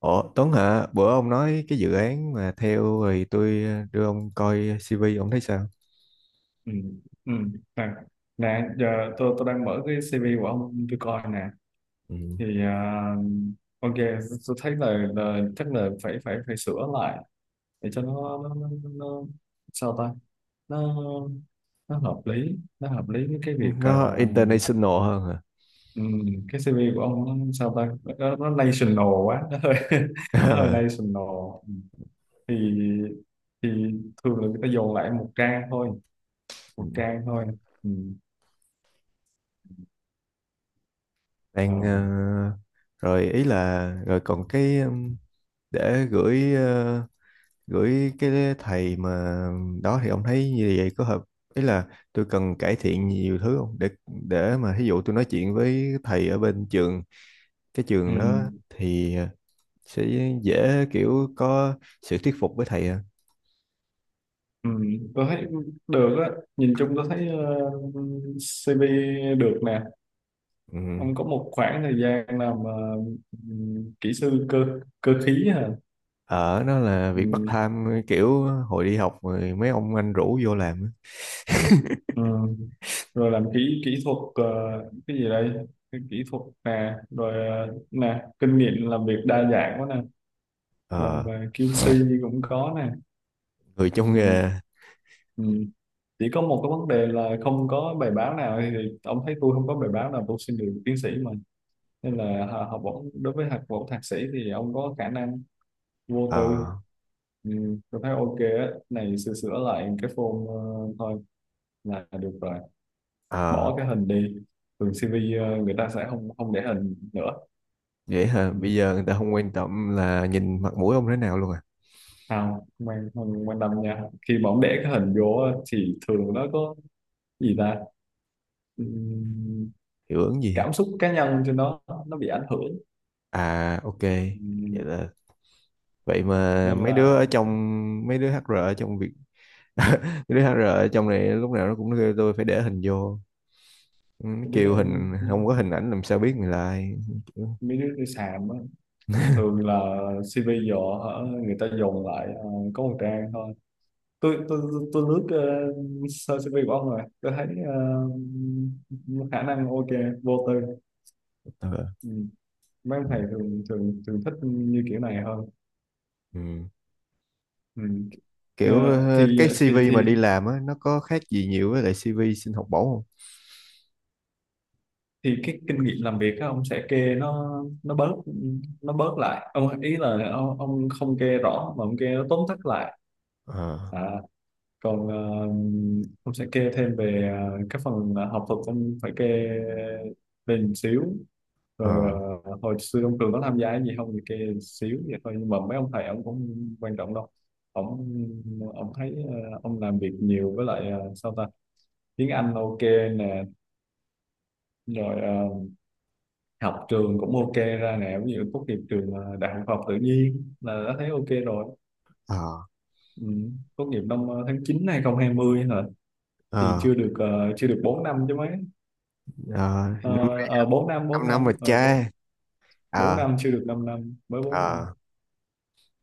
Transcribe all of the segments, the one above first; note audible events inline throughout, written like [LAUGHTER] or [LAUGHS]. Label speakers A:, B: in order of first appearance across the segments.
A: Ủa Tuấn hả? Bữa ông nói cái dự án mà theo thì tôi đưa ông coi CV ông thấy sao?
B: ừ ừ. nè nè giờ tôi đang mở cái CV của ông tôi coi nè.
A: Ừ.
B: thì à, ok, tôi thấy là chắc là phải phải phải sửa lại để cho nó nó, nó, nó nó- sao ta, nó nó hợp lý với cái việc
A: Nó international hơn hả?
B: ừ. Cái CV của ông nó sao ta, nó national quá, nó hơi [LAUGHS] nó hơi
A: [LAUGHS]
B: national. Thì thì thường là người ta dồn lại một trang thôi,
A: Ừ.
B: một trang thôi. Ừ. Ờ.
A: Đang rồi ý là rồi còn cái để gửi gửi cái thầy mà đó thì ông thấy như vậy có hợp ý là tôi cần cải thiện nhiều thứ không để mà ví dụ tôi nói chuyện với thầy ở bên trường cái
B: Ừ.
A: trường đó thì sẽ dễ kiểu có sự thuyết phục với thầy.
B: Ừ, tôi thấy được á, nhìn chung tôi thấy CV được nè.
A: Ừ.
B: Ông có một khoảng thời gian làm kỹ sư cơ cơ khí hả?
A: Ở nó là việc part
B: Ừ.
A: time kiểu hồi đi học rồi mấy ông anh rủ vô làm á.
B: ừ. Rồi làm kỹ kỹ thuật cái gì đây, cái kỹ thuật nè, rồi nè, kinh nghiệm làm việc đa dạng quá nè, làm
A: Ờ,
B: về QC cũng có nè.
A: người trong
B: Ừ,
A: nghề.
B: ừ. Chỉ có một cái vấn đề là không có bài báo nào, thì ông thấy tôi không có bài báo nào tôi xin được tiến sĩ mà, nên là học bổng, đối với học bổng thạc sĩ thì ông có khả năng vô tư.
A: ờ
B: Ừ, tôi thấy ok á, này sửa sửa lại cái form thôi là được rồi.
A: ờ
B: Bỏ cái hình đi, thường CV người ta sẽ không không để hình nữa.
A: vậy hả
B: Ừ.
A: bây giờ người ta không
B: Ừ.
A: quan tâm là nhìn mặt mũi ông thế nào luôn à,
B: không Không quan tâm nha, khi mà ông để cái hình vô á, thì thường nó có, gì ta, ừ,
A: hiệu ứng gì hả?
B: cảm xúc cá nhân trên đó, nó bị ảnh hưởng.
A: À, ok. Vậy
B: Ừ.
A: là vậy mà
B: Nên
A: mấy đứa
B: là
A: ở trong mấy đứa HR ở trong việc [LAUGHS] mấy đứa hát HR ở trong này lúc nào nó cũng kêu tôi phải để hình vô. Ừ, nó
B: mấy
A: kêu
B: đứa
A: hình không có hình ảnh làm sao biết người là ai. Kiểu,
B: mấy đứa đi sàm á, thường là CV giờ hả, người ta dồn lại có một trang thôi. Tôi lướt sơ CV của ông rồi tôi thấy khả năng ok, vô tư.
A: ờ,
B: Ừ. Mấy ông
A: ừ.
B: thầy thường thường thường thích như kiểu này hơn.
A: Ừ.
B: Ừ. Ờ,
A: Kiểu
B: thì
A: cái
B: thì
A: CV
B: thì
A: mà đi làm á nó có khác gì nhiều với lại CV xin học bổng không?
B: thì cái kinh nghiệm làm việc á, ông sẽ kê nó nó bớt nó bớt lại, ông ý là ông không kê rõ mà ông kê nó tóm tắt lại.
A: Ờ
B: À, còn ông sẽ kê thêm về các phần học thuật, ông phải kê về một xíu. Rồi
A: ờ
B: hồi xưa ông Cường có tham gia cái gì không thì kê một xíu vậy thôi, nhưng mà mấy ông thầy ông cũng quan trọng đâu. ông ông thấy ông làm việc nhiều với lại sao ta, tiếng Anh ok nè, rồi học trường cũng ok ra nè, ví dụ tốt nghiệp trường đại học khoa học tự nhiên là đã thấy ok rồi.
A: ờ
B: Ừ. Tốt nghiệp năm tháng 9 hai 2020 hả? Thì
A: ờ
B: chưa được chưa được 4 năm chứ mấy.
A: ờ, năm nay
B: Ờ, 4 năm, bốn
A: năm năm
B: năm
A: rồi
B: ờ, bốn
A: cha.
B: bốn
A: Ờ.
B: năm chưa được 5 năm, mới 4 năm.
A: Ờ.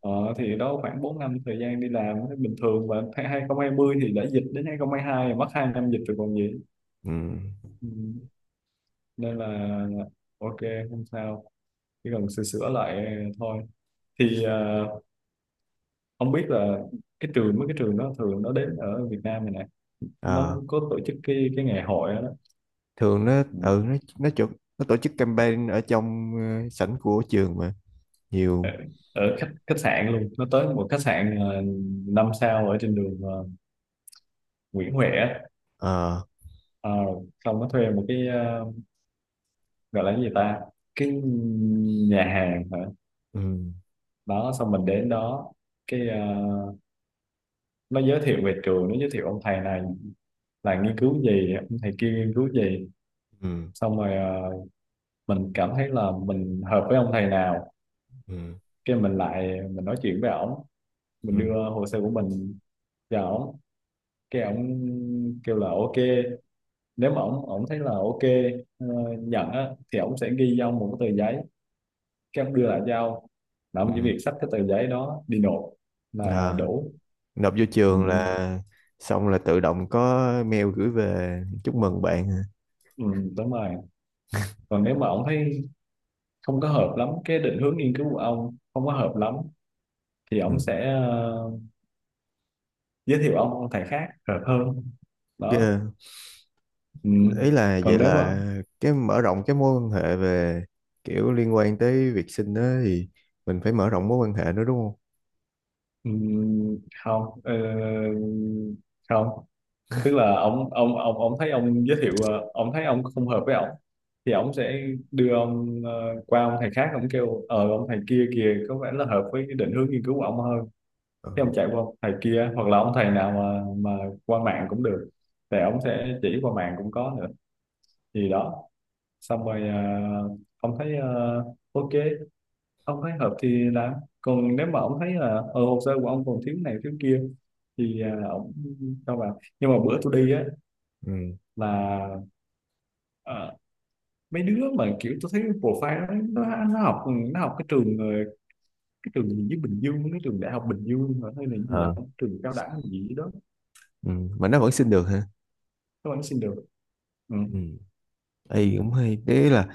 B: ờ, thì đó, khoảng 4 năm thời gian đi làm thấy bình thường, và tháng 2020 thì đã dịch, đến 2022 rồi, mất 2 năm dịch rồi còn gì.
A: Ừ.
B: Ừ. Nên là ok, không sao, chỉ cần sửa sửa lại thôi. Thì không biết là cái trường, mấy cái trường đó thường nó đến ở Việt Nam này nè, nó
A: Ờ.
B: có tổ chức cái ngày hội đó, đó.
A: Thường nó
B: Ừ.
A: ừ nó chụp nó tổ chức campaign ở trong sảnh của trường mà
B: ở,
A: nhiều.
B: Ở khách khách sạn luôn, nó tới một khách sạn 5 sao ở trên đường Nguyễn Huệ á.
A: Ờ.
B: Ờ, xong nó thuê một cái gọi là cái gì ta, cái nhà hàng hả.
A: Ừ.
B: Đó xong mình đến đó, cái nó giới thiệu về trường, nó giới thiệu ông thầy này là nghiên cứu gì, ông thầy kia nghiên cứu gì.
A: Ừ.
B: Xong rồi mình cảm thấy là mình hợp với ông thầy nào,
A: Ừ.
B: cái mình lại mình nói chuyện với ổng, mình
A: Ừ.
B: đưa hồ sơ của mình cho ổng, cái ổng kêu là ok. Nếu mà ổng ổng thấy là ok, ờ, nhận á, thì ổng sẽ ghi trong một cái tờ giấy, cái ông đưa lại cho ông, là ông chỉ
A: Ừ.
B: việc xách cái tờ giấy đó đi nộp là
A: ờ
B: đủ.
A: nộp vô
B: ừ,
A: trường là xong là tự động có mail gửi về chúc mừng bạn.
B: ừ, Đúng rồi. Còn nếu mà ông thấy không có hợp lắm, cái định hướng nghiên cứu của ông không có hợp lắm, thì ông sẽ giới thiệu ông thầy khác hợp hơn, đó.
A: Ừ,
B: Ừ.
A: ý là vậy
B: Còn nếu mà
A: là cái mở rộng cái mối quan hệ về kiểu liên quan tới việc sinh đó thì mình phải mở rộng mối quan hệ nữa đúng không?
B: ừ, không không, tức là ông thấy, ông giới thiệu ông thấy ông không hợp với ông, thì ông sẽ đưa ông qua ông thầy khác, ông kêu ờ ông thầy kia kìa có vẻ là hợp với cái định hướng nghiên cứu của ông hơn.
A: Ờ,
B: Thế ông chạy qua ông thầy kia, hoặc là ông thầy nào mà qua mạng cũng được, thì ông sẽ chỉ qua mạng cũng có nữa, gì đó. Xong rồi ông thấy ok, ông thấy hợp thì làm. Còn nếu mà ông thấy là hồ sơ của ông còn thiếu này thiếu kia, thì ông cho vào. Nhưng mà bữa tôi đi á
A: ừ.
B: là ờ, mấy đứa mà kiểu tôi thấy profile nó học, nó học cái trường cái trường gì với Bình Dương, cái trường đại học Bình Dương hả? Hay là cái gì đó,
A: Ờ.
B: trường cao đẳng gì đó.
A: Ừ. Mà nó vẫn sinh được hả?
B: Các bạn xin được. Ừ.
A: Ừ.
B: Ừ.
A: Ê, cũng hay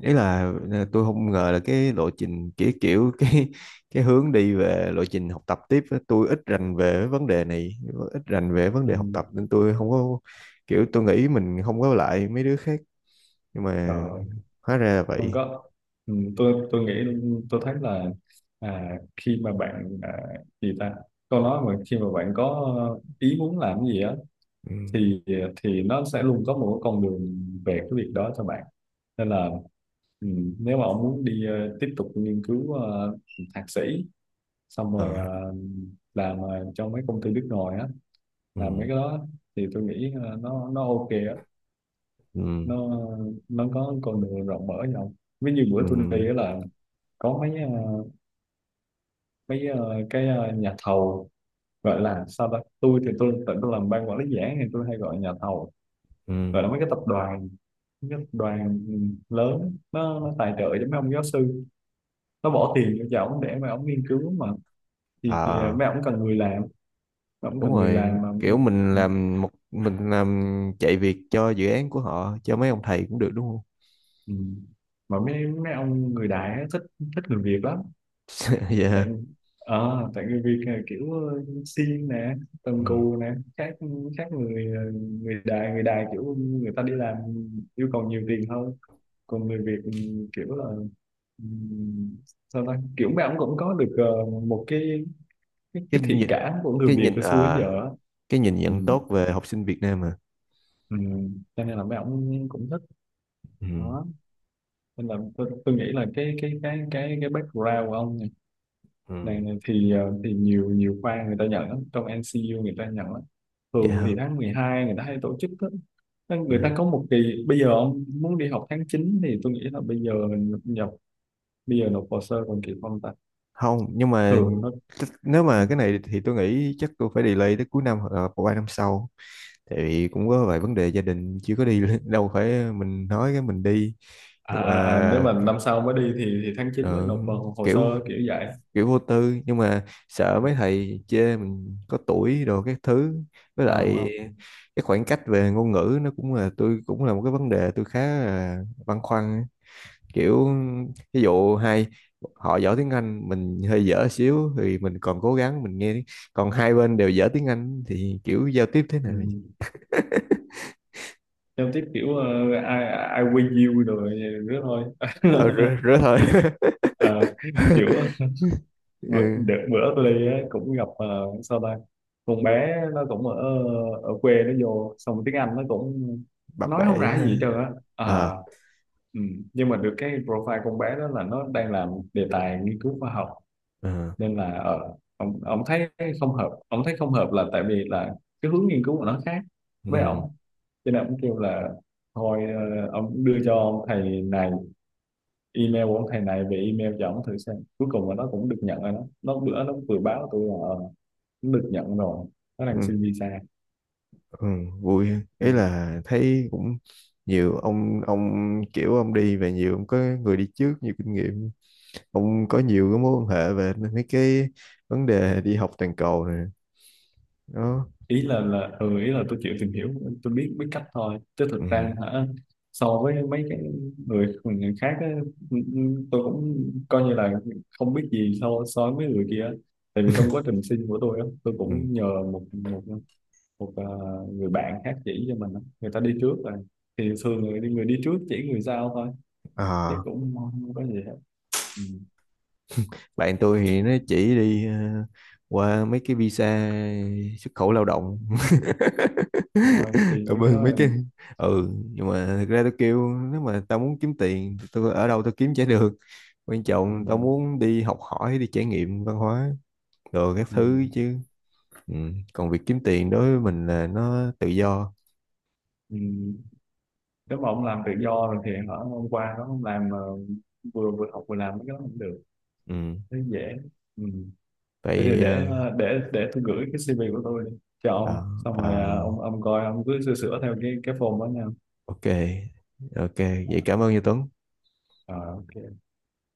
A: đấy là tôi không ngờ là cái lộ trình kiểu kiểu [LAUGHS] cái hướng đi về lộ trình học tập tiếp á, tôi ít rành về vấn đề này, ít rành về vấn
B: Ừ.
A: đề học tập nên tôi không có kiểu tôi nghĩ mình không có lại mấy đứa khác, nhưng mà
B: Trời,
A: hóa ra là
B: không
A: vậy.
B: có. Ừ. Tôi nghĩ, tôi thấy là à, khi mà bạn à, gì ta, câu nói mà khi mà bạn có ý muốn làm cái gì á,
A: Ừ.
B: thì nó sẽ luôn có một cái con đường về cái việc đó cho bạn. Nên là ừ, nếu mà ông muốn đi tiếp tục nghiên cứu thạc sĩ, xong rồi
A: Ờ.
B: làm trong mấy công ty nước ngoài á,
A: Ừ.
B: làm mấy cái đó, thì tôi nghĩ nó ok á,
A: Ừ.
B: nó nó có con đường rộng mở nhau. Ví như bữa
A: Ừ.
B: tôi đi á là có mấy nhà thầu, gọi là sao đó, tôi thì tôi tự tôi làm ban quản lý dự án thì tôi hay gọi nhà thầu,
A: Ừ.
B: gọi là mấy cái tập đoàn nhất đoàn lớn, nó tài trợ cho mấy ông giáo sư, nó bỏ tiền vô cho ổng để mà ổng nghiên cứu mà. Thì
A: À,
B: mấy ổng cần người làm mấy ổng
A: đúng
B: cần người
A: rồi
B: làm mà.
A: kiểu mình làm một mình làm chạy việc cho dự án của họ cho mấy ông thầy cũng được đúng không?
B: Ừ. Mà mấy mấy ông người đại á, thích thích người Việt lắm.
A: [LAUGHS] Dạ.
B: Tại tại người Việt là kiểu siêng nè, cần
A: Ừ.
B: cù nè, khác khác người à, người đại, kiểu người ta đi làm yêu cầu nhiều tiền hơn. Còn người Việt ừ, kiểu là ừ, sao ta, kiểu mấy ông cũng có được một cái
A: Cái
B: cái thiện
A: nhìn,
B: cảm của người
A: cái
B: Việt
A: nhìn
B: hồi xưa đến giờ
A: à,
B: á.
A: cái nhìn
B: Ừ.
A: nhận tốt về học sinh Việt Nam à.
B: Ừ. Cho nên là mấy ông cũng thích,
A: Ừ.
B: đó. Nên là tôi nghĩ là cái background của ông
A: Ừ.
B: này thì thì nhiều nhiều khoa người ta nhận lắm, trong NCU người ta nhận lắm.
A: Vậy
B: Thường thì
A: hả.
B: tháng 12 người ta hay tổ chức đó. Nên
A: Ừ.
B: người ta có một kỳ, bây giờ ông muốn đi học tháng 9 thì tôi nghĩ là bây giờ mình nhập, bây giờ nộp hồ sơ còn kịp không ta.
A: Không nhưng mà
B: Thường nó
A: nếu
B: ừ.
A: mà cái này thì tôi nghĩ chắc tôi phải delay tới cuối năm hoặc là ba năm sau, tại vì cũng có vài vấn đề gia đình chưa có đi [LAUGHS] đâu phải mình nói cái mình đi.
B: À,
A: Nhưng
B: à, à, nếu
A: mà
B: mà năm sau mới đi thì tháng 9 mới
A: ờ,
B: nộp vào hồ sơ,
A: kiểu
B: kiểu vậy.
A: kiểu vô tư nhưng mà sợ mấy thầy chê mình có tuổi đồ các thứ. Với
B: Không
A: lại
B: không.
A: cái khoảng cách về ngôn ngữ nó cũng là tôi cũng là một cái vấn đề tôi khá là băn khoăn. Kiểu ví dụ hai họ giỏi tiếng Anh mình hơi dở xíu thì mình còn cố gắng mình nghe, còn hai bên đều dở tiếng Anh thì kiểu giao tiếp thế nào.
B: Ừ. Giao tiếp kiểu I, I win you rồi nữa thôi.
A: Ờ, rứa,
B: [LAUGHS]
A: rứa thôi.
B: Ờ, kiểu
A: [LAUGHS] Ừ,
B: đợt bữa tôi đi á cũng gặp sao ta, con bé nó cũng ở ở quê nó vô, xong tiếng Anh nó cũng,
A: bập
B: nó nói
A: bẹ
B: không
A: vậy
B: ra gì hết
A: á.
B: trơn á.
A: Ờ.
B: Ờ, ừ. Nhưng mà được cái profile con bé đó là nó đang làm đề tài nghiên cứu khoa học,
A: Ờ.
B: nên là ông thấy không hợp, ông thấy không hợp là tại vì là cái hướng nghiên cứu của nó khác với ông.
A: Ừ.
B: Cho nên ông kêu là thôi ông đưa cho ông thầy này email của ông thầy này về, email cho ông thử xem, cuối cùng là nó cũng được nhận rồi đó. Nó bữa nó vừa báo tôi là nó được nhận rồi, nó
A: Ừ.
B: đang xin visa.
A: Ừ, vui ha.
B: Ừ.
A: Ý là thấy cũng nhiều ông kiểu ông đi về nhiều ông có người đi trước nhiều kinh nghiệm, ông có nhiều cái mối quan hệ về mấy cái vấn đề đi học toàn cầu này đó.
B: Ý là tôi chịu tìm hiểu, tôi biết biết cách thôi, chứ
A: Ừ.
B: thực ra hả, so với mấy cái người người khác á, ừ, ừ, tôi cũng coi như là không biết gì so so với mấy người kia á. Tại vì trong quá trình sinh của tôi á, tôi
A: Ừ.
B: cũng nhờ một một một người bạn khác chỉ cho mình á. Người ta đi trước rồi thì thường người đi trước chỉ người sau thôi, chứ
A: À,
B: cũng không có gì hết. Ừ.
A: bạn tôi thì nó chỉ đi qua mấy cái visa xuất khẩu lao động
B: Thôi
A: [LAUGHS]
B: đi
A: ở
B: mấy cái đó.
A: bên mấy cái.
B: Ừ.
A: Ừ nhưng mà thực ra tôi kêu nếu mà tao muốn kiếm tiền thì tôi ở đâu tôi kiếm chả được, quan
B: Ừ.
A: trọng tao muốn đi học hỏi đi trải nghiệm văn hóa rồi các
B: Ừ.
A: thứ chứ. Ừ. Còn việc kiếm tiền đối với mình là nó tự do.
B: Ừ. Nếu mà ông làm tự do rồi thì hả, hôm qua đó ông làm vừa vừa học vừa làm cái đó cũng được,
A: Ừ.
B: thấy dễ. Ừ. Thế thì
A: Vậy
B: để để tôi gửi cái CV của tôi cho
A: ờ,
B: ông, xong rồi
A: ờ,
B: ông coi, ông cứ sửa sửa theo cái form đó nha.
A: ok, ok.
B: À,
A: Vậy cảm ơn như Tuấn.
B: à, ok.